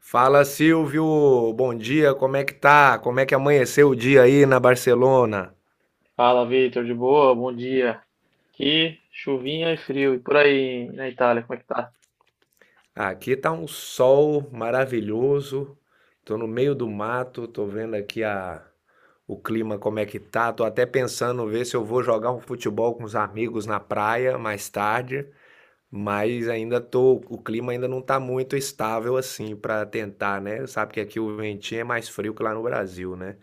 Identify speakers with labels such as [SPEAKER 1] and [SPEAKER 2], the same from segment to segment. [SPEAKER 1] Fala, Silvio, bom dia, como é que tá? Como é que amanheceu o dia aí na Barcelona?
[SPEAKER 2] Fala, Vitor, de boa? Bom dia. Aqui, chuvinha e frio. E por aí na Itália, como é que tá?
[SPEAKER 1] Aqui tá um sol maravilhoso. Tô no meio do mato, tô vendo aqui a o clima como é que tá. Tô até pensando ver se eu vou jogar um futebol com os amigos na praia mais tarde, mas ainda tô, o clima ainda não tá muito estável assim pra tentar, né? Sabe que aqui o ventinho é mais frio que lá no Brasil, né?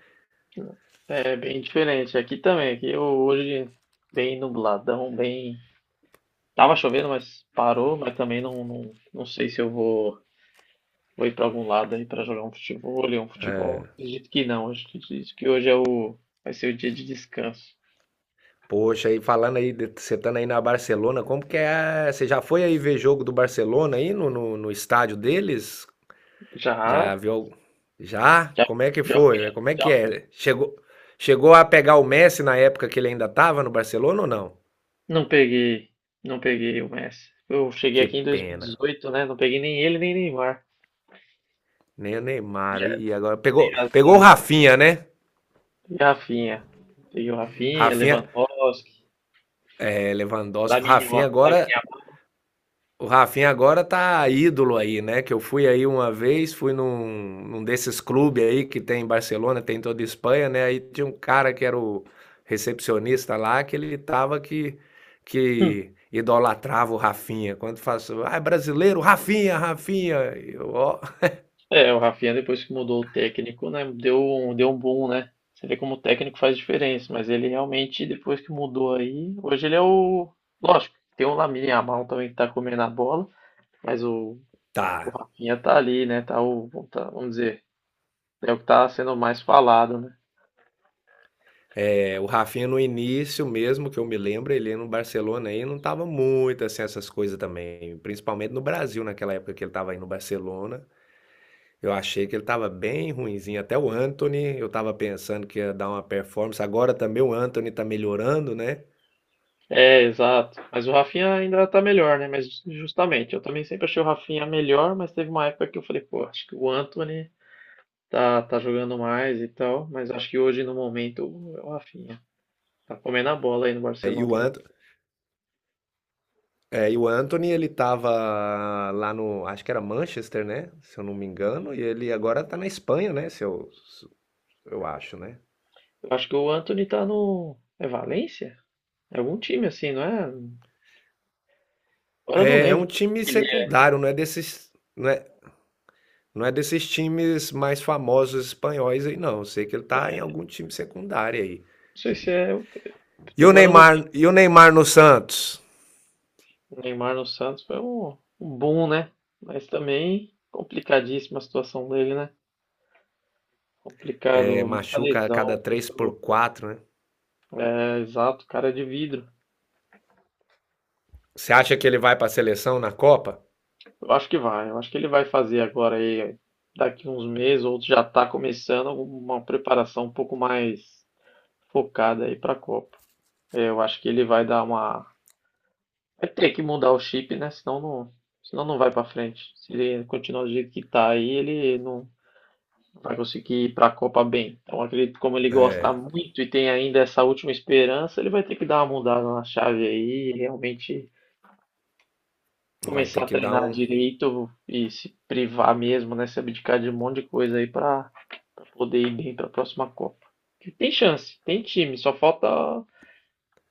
[SPEAKER 2] É bem diferente. Aqui também. Hoje bem nubladão, bem. Tava chovendo, mas parou. Mas também não sei se vou ir pra algum lado aí pra jogar um futebol, ler um futebol. Acredito que não. Acho que acredito que vai ser o dia de descanso.
[SPEAKER 1] Poxa, e falando aí, você estando aí na Barcelona, como que é? Você já foi aí ver jogo do Barcelona aí no estádio deles? Já
[SPEAKER 2] Já,
[SPEAKER 1] viu? Já?
[SPEAKER 2] já,
[SPEAKER 1] Como é que
[SPEAKER 2] já fui,
[SPEAKER 1] foi? Como é que
[SPEAKER 2] já fui.
[SPEAKER 1] é? Chegou a pegar o Messi na época que ele ainda tava no Barcelona ou não?
[SPEAKER 2] Não peguei, não peguei o Messi. Eu cheguei
[SPEAKER 1] Que
[SPEAKER 2] aqui em
[SPEAKER 1] pena.
[SPEAKER 2] 2018, né? Não peguei nem ele, nem Neymar.
[SPEAKER 1] Nem o Neymar
[SPEAKER 2] Já,
[SPEAKER 1] aí agora
[SPEAKER 2] tem
[SPEAKER 1] pegou o
[SPEAKER 2] razão.
[SPEAKER 1] Rafinha, né?
[SPEAKER 2] E Rafinha. Peguei o Rafinha,
[SPEAKER 1] Rafinha,
[SPEAKER 2] Lewandowski,
[SPEAKER 1] é, Lewandowski,
[SPEAKER 2] Lamine
[SPEAKER 1] Rafinha
[SPEAKER 2] Yamal.
[SPEAKER 1] agora. O Rafinha agora tá ídolo aí, né? Que eu fui aí uma vez, fui num desses clubes aí que tem em Barcelona, tem em toda a Espanha, né? Aí tinha um cara que era o recepcionista lá, que ele tava
[SPEAKER 2] Hum.
[SPEAKER 1] que idolatrava o Rafinha. Quando faço, ah, é brasileiro, Rafinha, Rafinha. Eu, ó,
[SPEAKER 2] É, o Rafinha depois que mudou o técnico, né, deu um boom, né? Você vê como o técnico faz diferença, mas ele realmente, depois que mudou aí, hoje ele é o. Lógico, tem o Lamine Yamal também que tá comendo a bola, mas o, o
[SPEAKER 1] tá.
[SPEAKER 2] Rafinha tá ali, né? Vamos dizer, é o que tá sendo mais falado, né?
[SPEAKER 1] É, o Rafinha no início mesmo, que eu me lembro, ele no Barcelona aí não tava muito assim essas coisas também, principalmente no Brasil naquela época que ele tava aí no Barcelona. Eu achei que ele estava bem ruinzinho, até o Anthony. Eu estava pensando que ia dar uma performance, agora também o Anthony está melhorando, né?
[SPEAKER 2] É, exato. Mas o Rafinha ainda tá melhor, né? Mas justamente, eu também sempre achei o Rafinha melhor, mas teve uma época que eu falei, pô, acho que o Anthony tá jogando mais e tal, mas acho que hoje, no momento, o Rafinha tá comendo a bola aí no
[SPEAKER 1] É, E
[SPEAKER 2] Barcelona.
[SPEAKER 1] o
[SPEAKER 2] Tá jogando.
[SPEAKER 1] Anto, e o Antony, ele estava lá no, acho que era Manchester, né? Se eu não me engano, e ele agora está na Espanha, né? Eu acho, né?
[SPEAKER 2] Eu acho que o Anthony tá no. É Valência? É algum time assim, não é? Agora eu não
[SPEAKER 1] É, é
[SPEAKER 2] lembro.
[SPEAKER 1] um time
[SPEAKER 2] Ele é-
[SPEAKER 1] secundário, não é desses times mais famosos espanhóis aí, não. Eu sei que ele está em algum time secundário aí.
[SPEAKER 2] Não sei se é.
[SPEAKER 1] E o
[SPEAKER 2] Agora eu não
[SPEAKER 1] Neymar,
[SPEAKER 2] lembro.
[SPEAKER 1] e o Neymar no Santos?
[SPEAKER 2] O Neymar no Santos foi um boom, né? Mas também complicadíssima a situação dele, né?
[SPEAKER 1] É,
[SPEAKER 2] Complicado, muita
[SPEAKER 1] machuca a
[SPEAKER 2] lesão,
[SPEAKER 1] cada 3
[SPEAKER 2] muito.
[SPEAKER 1] por 4, né?
[SPEAKER 2] Exato, cara de vidro.
[SPEAKER 1] Você acha que ele vai para a seleção na Copa?
[SPEAKER 2] Eu acho que vai, eu acho que ele vai fazer agora aí, daqui uns meses, ou já está começando uma preparação um pouco mais focada aí para a Copa. É, eu acho que ele vai dar uma. Vai ter que mudar o chip, né? Senão não vai para frente. Se ele continuar do jeito que tá aí, ele não vai conseguir ir para a Copa bem. Então, acredito que como ele gosta
[SPEAKER 1] É,
[SPEAKER 2] muito e tem ainda essa última esperança, ele vai ter que dar uma mudada na chave aí e realmente
[SPEAKER 1] vai
[SPEAKER 2] começar
[SPEAKER 1] ter
[SPEAKER 2] a
[SPEAKER 1] que dar
[SPEAKER 2] treinar
[SPEAKER 1] um.
[SPEAKER 2] direito e se privar mesmo, né? Se abdicar de um monte de coisa aí pra poder ir bem pra próxima Copa. Que tem chance, tem time, só falta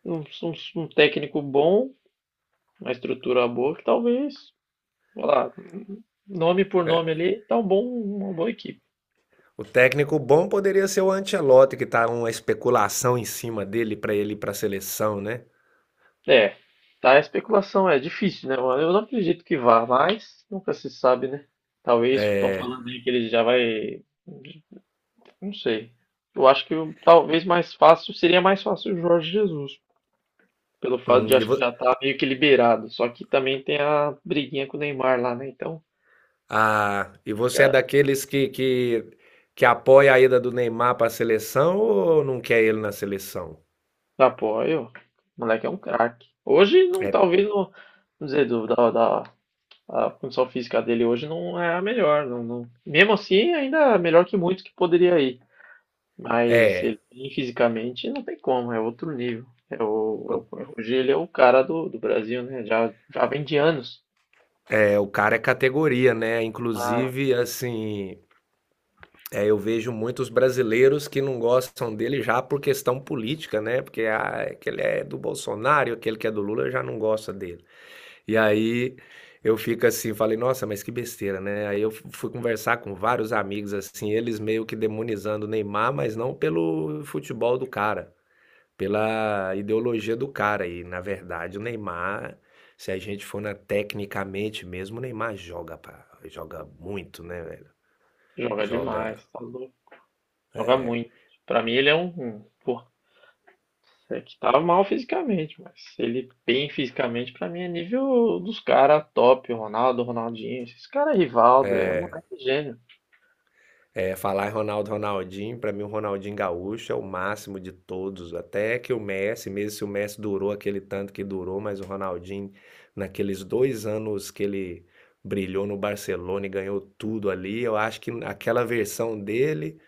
[SPEAKER 2] um técnico bom, uma estrutura boa que talvez, sei lá, nome por nome
[SPEAKER 1] É,
[SPEAKER 2] ali, tá um bom, uma boa equipe.
[SPEAKER 1] o técnico bom poderia ser o Ancelotti, que tá uma especulação em cima dele para ele ir para a seleção, né?
[SPEAKER 2] É, tá, a especulação é difícil, né, mano? Eu não acredito que vá, mas nunca se sabe, né? Talvez estão
[SPEAKER 1] É,
[SPEAKER 2] falando aí que ele já vai. Não sei. Eu acho que o- Talvez mais fácil seria mais fácil o Jorge Jesus, pelo fato
[SPEAKER 1] hum,
[SPEAKER 2] de
[SPEAKER 1] e,
[SPEAKER 2] acho que
[SPEAKER 1] vo-
[SPEAKER 2] já tá meio que liberado. Só que também tem a briguinha com o Neymar lá, né? Então,
[SPEAKER 1] e você é
[SPEAKER 2] cara,
[SPEAKER 1] daqueles que apoia a ida do Neymar para a seleção ou não quer ele na seleção?
[SPEAKER 2] apoio. O moleque é um craque. Hoje não,
[SPEAKER 1] É,
[SPEAKER 2] talvez não, vamos dizer, a condição física dele hoje não é a melhor, não, não. Mesmo assim, ainda é melhor que muitos que poderia ir. Mas
[SPEAKER 1] é,
[SPEAKER 2] ele fisicamente não tem como, é outro nível. Hoje ele é o cara do Brasil, né? Já vem de anos.
[SPEAKER 1] o cara é categoria, né? Inclusive, assim, é, eu vejo muitos brasileiros que não gostam dele já por questão política, né? Porque ah, aquele é do Bolsonaro, aquele que é do Lula já não gosta dele. E aí eu fico assim, falei, nossa, mas que besteira, né? Aí eu fui conversar com vários amigos assim, eles meio que demonizando o Neymar, mas não pelo futebol do cara, pela ideologia do cara. E na verdade, o Neymar, se a gente for na tecnicamente mesmo, o Neymar joga, pá, joga muito, né, velho?
[SPEAKER 2] Joga
[SPEAKER 1] Joga.
[SPEAKER 2] demais, tá louco. Joga muito. Pra mim ele é pô, é que tá mal fisicamente, mas ele bem fisicamente pra mim é nível dos caras top, Ronaldo, Ronaldinho, esses caras Rivaldo, é moleque gênio.
[SPEAKER 1] É, falar em Ronaldo, Ronaldinho, pra mim o Ronaldinho Gaúcho é o máximo de todos, até que o Messi, mesmo se o Messi durou aquele tanto que durou, mas o Ronaldinho, naqueles dois anos que ele brilhou no Barcelona e ganhou tudo ali, eu acho que aquela versão dele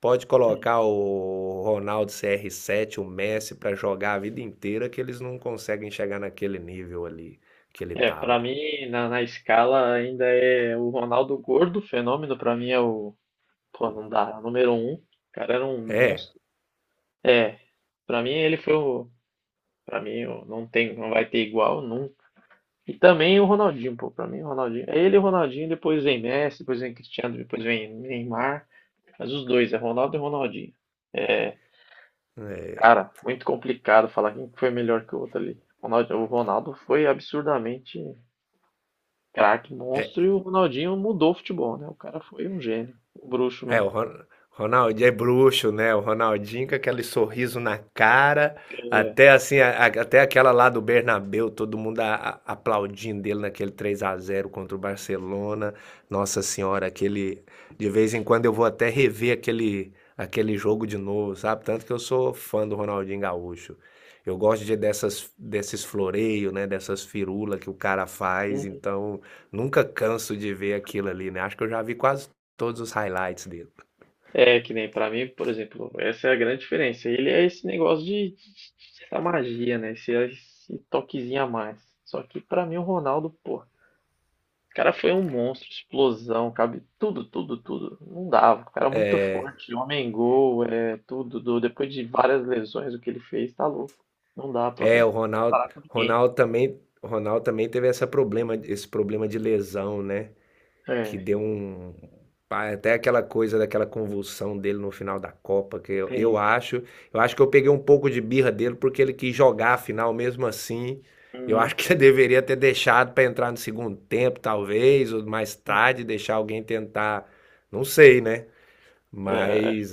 [SPEAKER 1] pode colocar o Ronaldo CR7, o Messi, pra jogar a vida inteira, que eles não conseguem chegar naquele nível ali que ele
[SPEAKER 2] É, pra
[SPEAKER 1] tava.
[SPEAKER 2] mim na escala ainda é o Ronaldo gordo, fenômeno pra mim é o, pô, não dá, número um. O cara era um
[SPEAKER 1] É,
[SPEAKER 2] monstro. É, pra mim ele foi o, pra mim não tem, não vai ter igual nunca. E também o Ronaldinho, pô. Pra mim, o Ronaldinho. É ele e o Ronaldinho, depois vem Messi, depois vem Cristiano, depois vem Neymar. Mas os dois, é Ronaldo e Ronaldinho. É, cara, muito complicado falar quem foi melhor que o outro ali. O Ronaldo foi absurdamente craque, monstro, e o Ronaldinho mudou o futebol, né? O cara foi um gênio, um bruxo
[SPEAKER 1] É,
[SPEAKER 2] mesmo.
[SPEAKER 1] o Ron- Ronaldinho é bruxo, né? O Ronaldinho com aquele sorriso na cara, até assim, até aquela lá do Bernabéu, todo mundo aplaudindo ele naquele 3 a zero contra o Barcelona. Nossa Senhora, aquele de vez em quando eu vou até rever aquele jogo de novo, sabe? Tanto que eu sou fã do Ronaldinho Gaúcho. Eu gosto de dessas desses floreios, né, dessas firulas que o cara faz,
[SPEAKER 2] Uhum.
[SPEAKER 1] então nunca canso de ver aquilo ali, né? Acho que eu já vi quase todos os highlights dele.
[SPEAKER 2] É, que nem pra mim, por exemplo, essa é a grande diferença. Ele é esse negócio essa magia, né? Esse toquezinho a mais. Só que pra mim o Ronaldo, pô, o cara foi um monstro, explosão, cabe tudo, tudo, tudo. Não dava. O cara é muito forte, homem gol, é tudo. Depois de várias lesões, o que ele fez, tá louco. Não dá pra
[SPEAKER 1] É, o Ronaldo,
[SPEAKER 2] comparar com ninguém.
[SPEAKER 1] Ronaldo também teve essa problema, esse problema de lesão, né? Que
[SPEAKER 2] É,
[SPEAKER 1] deu um até aquela coisa daquela convulsão dele no final da Copa,
[SPEAKER 2] sim.
[SPEAKER 1] eu acho que eu peguei um pouco de birra dele porque ele quis jogar a final mesmo assim. Eu acho
[SPEAKER 2] Uhum.
[SPEAKER 1] que ele deveria ter deixado para entrar no segundo tempo, talvez, ou mais tarde deixar alguém tentar, não sei, né?
[SPEAKER 2] É,
[SPEAKER 1] Mas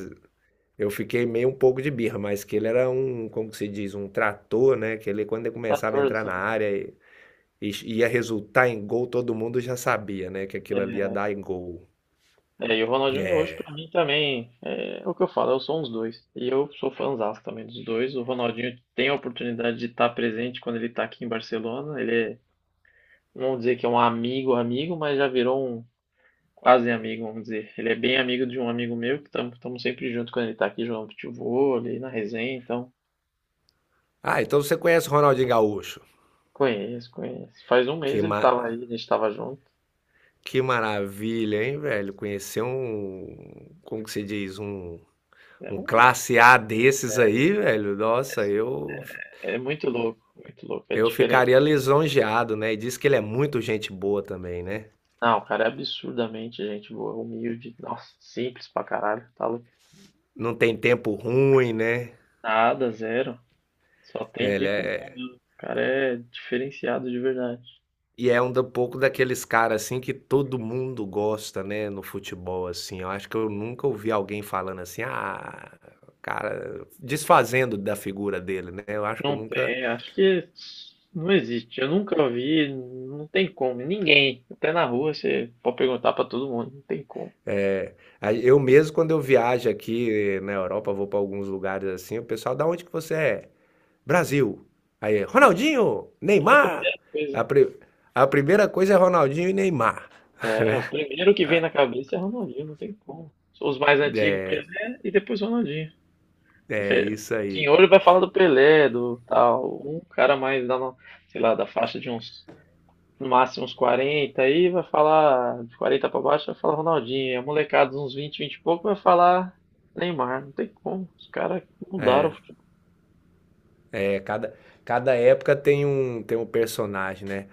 [SPEAKER 1] eu fiquei meio um pouco de birra, mas que ele era um, como que se diz, um trator, né? Quando ele começava a entrar
[SPEAKER 2] 14.
[SPEAKER 1] na área e ia resultar em gol, todo mundo já sabia, né? Que aquilo ali
[SPEAKER 2] É,
[SPEAKER 1] ia dar em gol.
[SPEAKER 2] e o Ronaldinho Gaúcho,
[SPEAKER 1] É.
[SPEAKER 2] pra mim, também é o que eu falo, eu sou uns dois. E eu sou fãzaço também dos dois. O Ronaldinho tem a oportunidade de estar presente quando ele tá aqui em Barcelona. Ele é, não vou dizer que é um amigo, amigo, mas já virou um quase amigo, vamos dizer. Ele é bem amigo de um amigo meu, que estamos sempre junto quando ele está aqui jogando futebol, ali na resenha, então
[SPEAKER 1] Ah, então você conhece o Ronaldinho Gaúcho?
[SPEAKER 2] conheço. Faz um
[SPEAKER 1] Que,
[SPEAKER 2] mês ele
[SPEAKER 1] ma...
[SPEAKER 2] estava aí, a gente estava junto.
[SPEAKER 1] que maravilha, hein, velho? Conhecer um, como que se diz, um,
[SPEAKER 2] É,
[SPEAKER 1] um classe A desses aí, velho.
[SPEAKER 2] é assim, é muito louco, é
[SPEAKER 1] Eu
[SPEAKER 2] diferente.
[SPEAKER 1] ficaria lisonjeado, né? E diz que ele é muito gente boa também, né?
[SPEAKER 2] Não, o cara é absurdamente gente boa, humilde, nossa, simples pra caralho, tá louco.
[SPEAKER 1] Não tem tempo ruim, né?
[SPEAKER 2] Nada, zero, só tem
[SPEAKER 1] É, ele
[SPEAKER 2] tempo bom.
[SPEAKER 1] é...
[SPEAKER 2] O cara é diferenciado de verdade.
[SPEAKER 1] E é um pouco daqueles caras assim que todo mundo gosta, né, no futebol assim. Eu acho que eu nunca ouvi alguém falando assim, ah, cara, desfazendo da figura dele, né? Eu acho que eu
[SPEAKER 2] Não
[SPEAKER 1] nunca.
[SPEAKER 2] tem, acho que não existe. Eu nunca vi, não tem como. Ninguém, até na rua, você pode perguntar pra todo mundo, não tem como.
[SPEAKER 1] Aí, eu mesmo, quando eu viajo aqui na Europa, vou para alguns lugares assim, o pessoal, da onde que você é? Brasil. Aí, Ronaldinho,
[SPEAKER 2] É a
[SPEAKER 1] Neymar.
[SPEAKER 2] primeira
[SPEAKER 1] A,
[SPEAKER 2] coisa,
[SPEAKER 1] pri- a primeira coisa é Ronaldinho e Neymar.
[SPEAKER 2] é, o primeiro que vem na cabeça é Ronaldinho, não tem como. Os mais antigos, Pelé e depois Ronaldinho.
[SPEAKER 1] É
[SPEAKER 2] Você vê,
[SPEAKER 1] isso
[SPEAKER 2] o
[SPEAKER 1] aí.
[SPEAKER 2] senhor vai falar do Pelé, do tal, um cara mais da, no- sei lá, da faixa de uns no máximo uns 40 aí, vai falar de 40 pra baixo, vai falar Ronaldinho. A molecada de uns 20 20 e pouco vai falar Neymar. Não tem como. Os caras mudaram o futebol.
[SPEAKER 1] É, cada, cada época tem tem um personagem, né?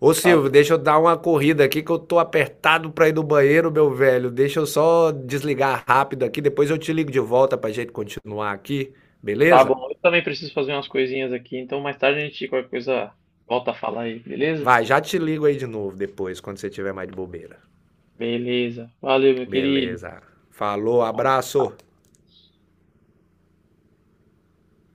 [SPEAKER 1] Ô
[SPEAKER 2] Tá,
[SPEAKER 1] Silvio, deixa eu dar uma corrida aqui que eu tô apertado pra ir no banheiro, meu velho. Deixa eu só desligar rápido aqui, depois eu te ligo de volta pra gente continuar aqui,
[SPEAKER 2] tá
[SPEAKER 1] beleza?
[SPEAKER 2] bom, eu também preciso fazer umas coisinhas aqui, então mais tarde a gente qualquer coisa volta a falar aí, beleza?
[SPEAKER 1] Vai, já te ligo aí de novo depois, quando você tiver mais de bobeira.
[SPEAKER 2] Beleza. Valeu, meu querido.
[SPEAKER 1] Beleza. Falou, abraço.